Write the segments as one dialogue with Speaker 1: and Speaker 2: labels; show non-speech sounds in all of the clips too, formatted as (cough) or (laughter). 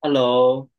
Speaker 1: Hello，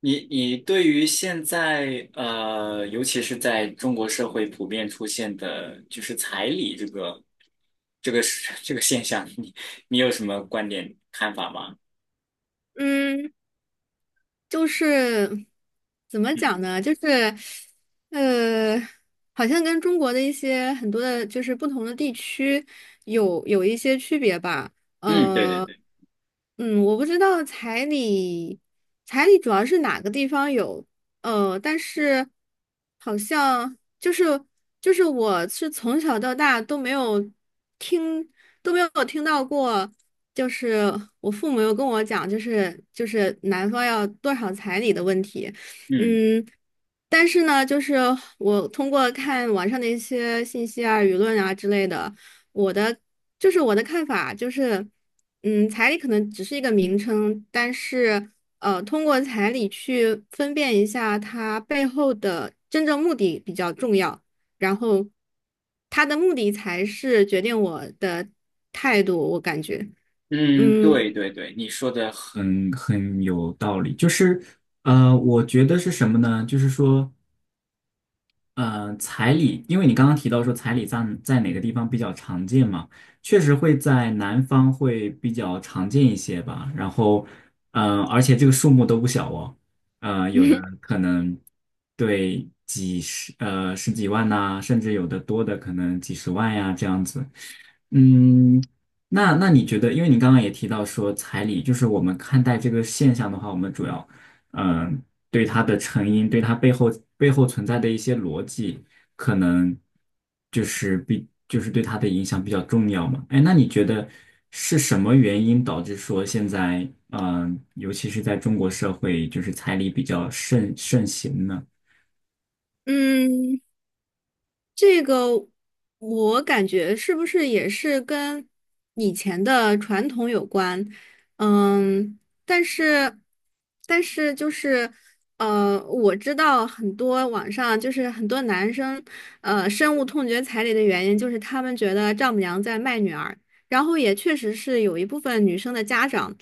Speaker 1: 你对于现在尤其是在中国社会普遍出现的，就是彩礼这个是 (laughs) 这个现象，你有什么观点看法吗？
Speaker 2: 嗯，就是怎么
Speaker 1: 嗯
Speaker 2: 讲呢？就是呃，好像跟中国的一些很多的，就是不同的地区有一些区别吧。
Speaker 1: 嗯，对对
Speaker 2: 呃，
Speaker 1: 对，
Speaker 2: 我不知道彩礼，彩礼主要是哪个地方有，呃，但是好像就是我是从小到大都没有听。都没有听到过，就是我父母有跟我讲，就是男方要多少彩礼的问题，
Speaker 1: 嗯
Speaker 2: 嗯，但是呢，就是我通过看网上的一些信息啊、舆论啊之类的，我的就是我的看法就是，嗯，彩礼可能只是一个名称，但是呃，通过彩礼去分辨一下它背后的真正目的比较重要，然后它的目的才是决定我的态度，我感觉。
Speaker 1: 嗯，
Speaker 2: 嗯
Speaker 1: 对对对，你说的很有道理。就是我觉得是什么呢？就是说。彩礼，因为你刚刚提到说彩礼在哪个地方比较常见嘛，确实会在南方会比较常见一些吧。然后，而且这个数目都不小哦，有的可能对十几万呐、甚至有的多的可能几十万呀、这样子。嗯，那你觉得，因为你刚刚也提到说彩礼，就是我们看待这个现象的话，我们主要。嗯对它的成因，对它背后存在的一些逻辑，可能就是比就是对它的影响比较重要嘛。哎，那你觉得是什么原因导致说现在，尤其是在中国社会，就是彩礼比较盛行呢？
Speaker 2: 嗯。这个我感觉是不是也是跟以前的传统有关？嗯，但是但是呃，我知道很多网上就是很多男生呃深恶痛绝彩礼的原因，就是他们觉得丈母娘在卖女儿，然后也确实是有一部分女生的家长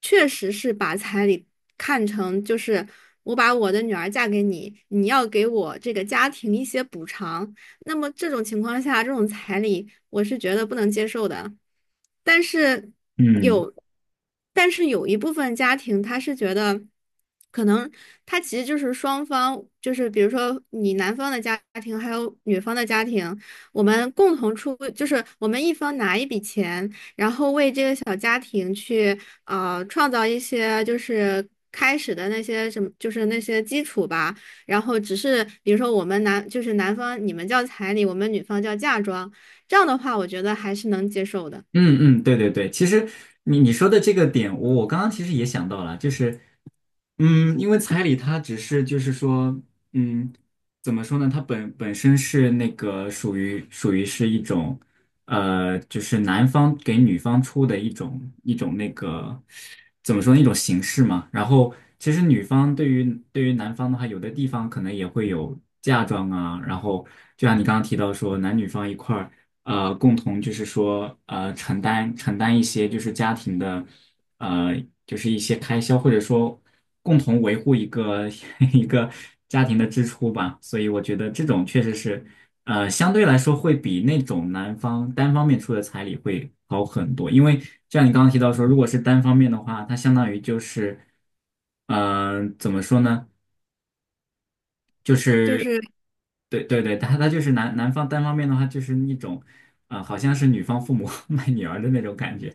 Speaker 2: 确实是把彩礼看成就是我把我的女儿嫁给你，你要给我这个家庭一些补偿。那么这种情况下，这种彩礼我是觉得不能接受的。但是
Speaker 1: 嗯
Speaker 2: 有，但是有一部分家庭他是觉得，可能他其实就是双方，就是比如说你男方的家庭还有女方的家庭，我们共同出，就是我们一方拿一笔钱，然后为这个小家庭去呃创造一些就是开始的那些什么，就是那些基础吧，然后只是比如说我们男就是男方你们叫彩礼，我们女方叫嫁妆，这样的话我觉得还是能接受的。
Speaker 1: 嗯嗯，对对对，其实你说的这个点，我刚刚其实也想到了，就是因为彩礼它只是就是说，嗯，怎么说呢？它本身是那个属于是一种，就是男方给女方出的一种那个怎么说呢？一种形式嘛。然后其实女方对于男方的话，有的地方可能也会有嫁妆啊。然后就像你刚刚提到说，男女方一块儿共同就是说承担一些就是家庭的。呃，就是一些开销，或者说共同维护一个 (laughs) 一个家庭的支出吧。所以我觉得这种确实是，相对来说会比那种男方单方面出的彩礼会好很多。因为就像你刚刚提到说，如果是单方面的话，它相当于就是，怎么说呢？就
Speaker 2: 就
Speaker 1: 是，
Speaker 2: 是
Speaker 1: 对对对，他就是男方单方面的话，就是一种，啊、好像是女方父母 (laughs) 卖女儿的那种感觉。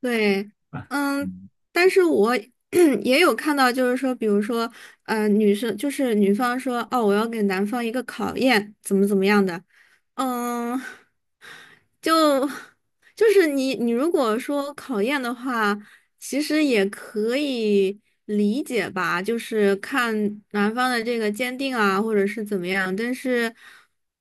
Speaker 2: 对，嗯，但是我 (clears throat) 也有看到，就是说，比如说，嗯，女生就是女方说，哦，我要给男方一个考验，怎么怎么样的，嗯。就就是你如果说考验的话，其实也可以理解吧，就是看男方的这个坚定啊，或者是怎么样。但是，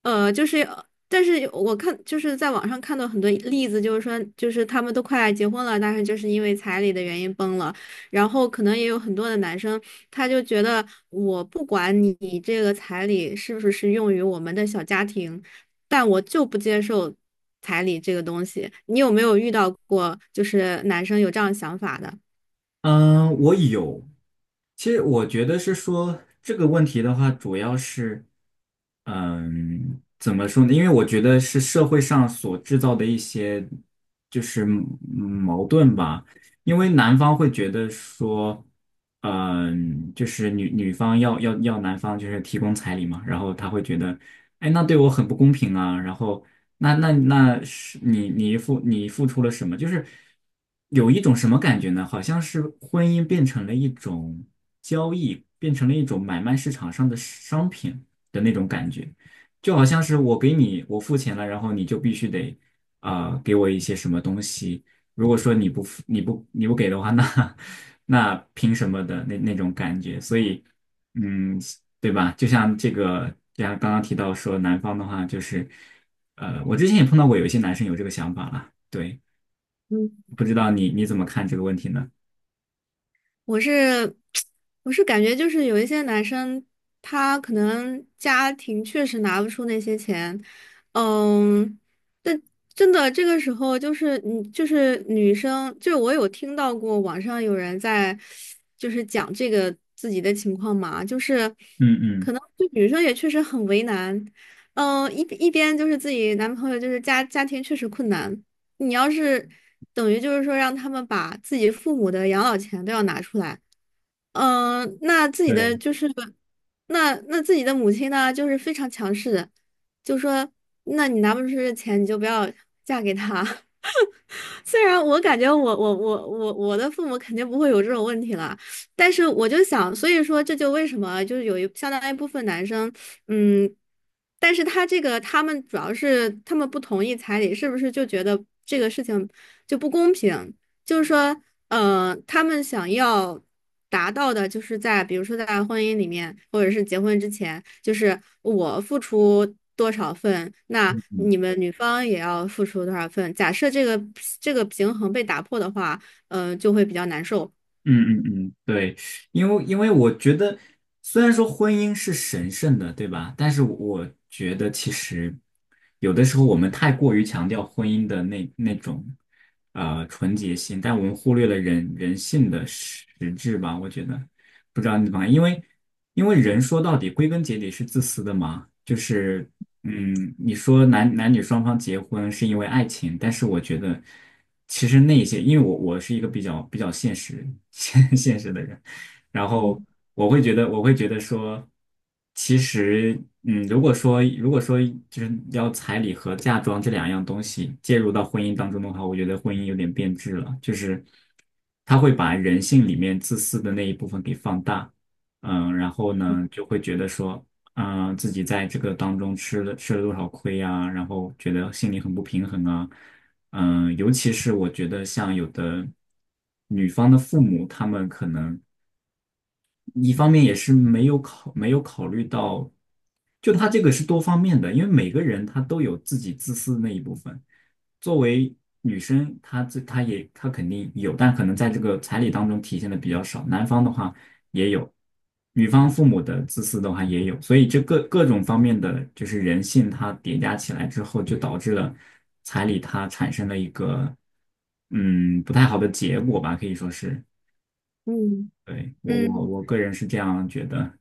Speaker 2: 呃，就是但是我看就是在网上看到很多例子，就是说就是他们都快结婚了，但是就是因为彩礼的原因崩了。然后可能也有很多的男生，他就觉得我不管你这个彩礼是不是用于我们的小家庭，但我就不接受彩礼这个东西。你有没有遇到过就是男生有这样想法的？
Speaker 1: 嗯，我有。其实我觉得是说这个问题的话，主要是，怎么说呢？因为我觉得是社会上所制造的一些就是矛盾吧。因为男方会觉得说，就是女方要男方就是提供彩礼嘛，然后他会觉得，哎，那对我很不公平啊。然后那是你付出了什么？就是有一种什么感觉呢？好像是婚姻变成了一种交易，变成了一种买卖市场上的商品的那种感觉，就好像是我给你我付钱了，然后你就必须得给我一些什么东西。如果说你不付你不你不给的话，那 (laughs) 那凭什么的那种感觉？所以嗯，对吧？就像这个，就像刚刚提到说男方的话，就是。我之前也碰到过有一些男生有这个想法了，对，
Speaker 2: 嗯，
Speaker 1: 不知道你怎么看这个问题呢？
Speaker 2: 我是 (tsk) 我是感觉就是有一些男生，他可能家庭确实拿不出那些钱，嗯，但真的这个时候就是你就是女生，就是我有听到过网上有人在就是讲这个自己的情况嘛，就是
Speaker 1: 嗯嗯，
Speaker 2: 可能就女生也确实很为难，嗯，一边就是自己男朋友就是家庭确实困难。你要是等于就是说让他们把自己父母的养老钱都要拿出来，嗯，
Speaker 1: 对，
Speaker 2: 那那自己的母亲呢，就是非常强势的，就说那你拿不出这钱，你就不要嫁给他。(laughs) 虽然我感觉我的父母肯定不会有这种问题了，但是我就想，所以说这就为什么就是有相当一部分男生，嗯，但是他这个他们主要是他们不同意彩礼，是不是就觉得这个事情就不公平？就是说，呃，他们想要达到的，就是在比如说在婚姻里面，或者是结婚之前，就是我付出多少份，那
Speaker 1: 嗯嗯
Speaker 2: 你们女方也要付出多少份。假设这个平衡被打破的话，嗯，就会比较难受。
Speaker 1: 嗯嗯嗯，对，因为我觉得，虽然说婚姻是神圣的，对吧？但是我觉得其实有的时候我们太过于强调婚姻的那种纯洁性，但我们忽略了人性的实质吧？我觉得，不知道你怎么看，因为人说到底归根结底是自私的嘛，就是你说男女双方结婚是因为爱情，但是我觉得其实那些，因为我是一个比较现实 (laughs) 现实的人，然后
Speaker 2: 嗯
Speaker 1: 我会觉得说，其实如果说就是要彩礼和嫁妆这两样东西介入到婚姻当中的话，我觉得婚姻有点变质了，就是他会把人性里面自私的那一部分给放大。然后呢，就会觉得说，啊、自己在这个当中吃了多少亏啊，然后觉得心里很不平衡啊，尤其是我觉得像有的女方的父母，他们可能。一方面也是没有考虑到，就他这个是多方面的，因为每个人他都有自己自私的那一部分。作为女生，她这她也她肯定有，但可能在这个彩礼当中体现的比较少。男方的话也有，女方父母的自私的话也有，所以这各种方面的就是人性，它叠加起来之后，就导致了彩礼它产生了一个不太好的结果吧，可以说是。
Speaker 2: 嗯
Speaker 1: 对，我我
Speaker 2: 嗯。
Speaker 1: 我个人是这样觉得。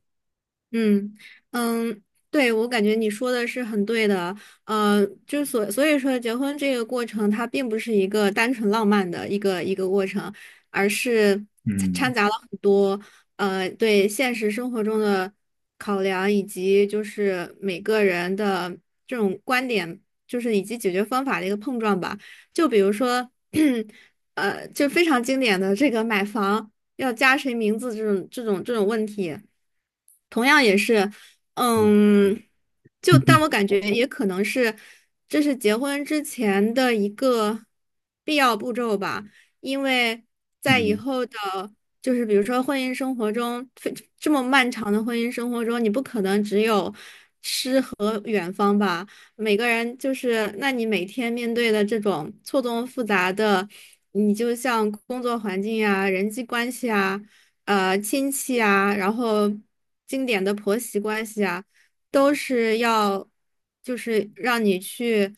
Speaker 2: 嗯嗯，对，我感觉你说的是很对的，呃，所以说，结婚这个过程它并不是一个单纯浪漫的一个过程，而是掺
Speaker 1: 嗯
Speaker 2: 掺杂了很多呃对现实生活中的考量，以及就是每个人的这种观点，就是以及解决方法的一个碰撞吧。就比如说，(clears throat) 呃，就非常经典的这个买房要加谁名字这种问题。同样也是，
Speaker 1: 嗯
Speaker 2: 嗯，就
Speaker 1: (laughs)
Speaker 2: 但我感觉也可能是，这是结婚之前的一个必要步骤吧，因为在以
Speaker 1: 嗯
Speaker 2: 后的，就是比如说婚姻生活中，非这么漫长的婚姻生活中，你不可能只有到远方吧。每个人就是，那你每天面对的这种错综复杂的，你就像工作环境呀、人际关系啊、呃亲戚啊，然后经典的婆媳关系啊，都是要就是让你去，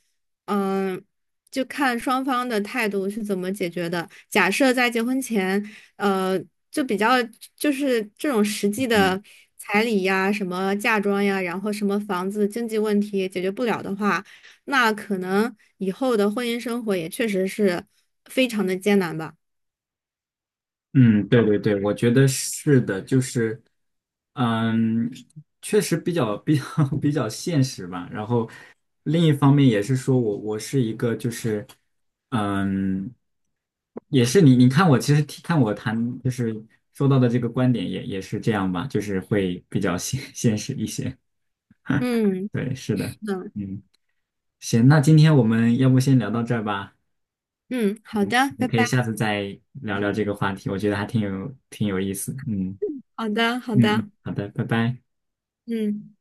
Speaker 2: 嗯，就看双方的态度是怎么解决的。假设在结婚前，呃，就比较就是这种实际
Speaker 1: 嗯
Speaker 2: 的彩礼呀、什么嫁妆呀，然后什么房子经济问题解决不了的话，那可能以后的婚姻生活也确实是非常的艰难吧。
Speaker 1: 嗯，对对对，我觉得是的，就是，嗯，确实比较 (laughs) 比较现实吧。然后另一方面也是说我是一个就是，嗯，也是你看我其实看我谈就是说到的这个观点也是这样吧，就是会比较现实一些。
Speaker 2: 嗯，
Speaker 1: 对，是的，
Speaker 2: 是的，
Speaker 1: 嗯，行，那今天我们要不先聊到这儿吧。
Speaker 2: 嗯，好的，
Speaker 1: 我
Speaker 2: 拜
Speaker 1: 可以
Speaker 2: 拜，
Speaker 1: 下次再聊聊这个话题，我觉得还挺有意思。嗯
Speaker 2: 好的，好
Speaker 1: 嗯嗯，
Speaker 2: 的，
Speaker 1: 好的，拜拜。
Speaker 2: 嗯。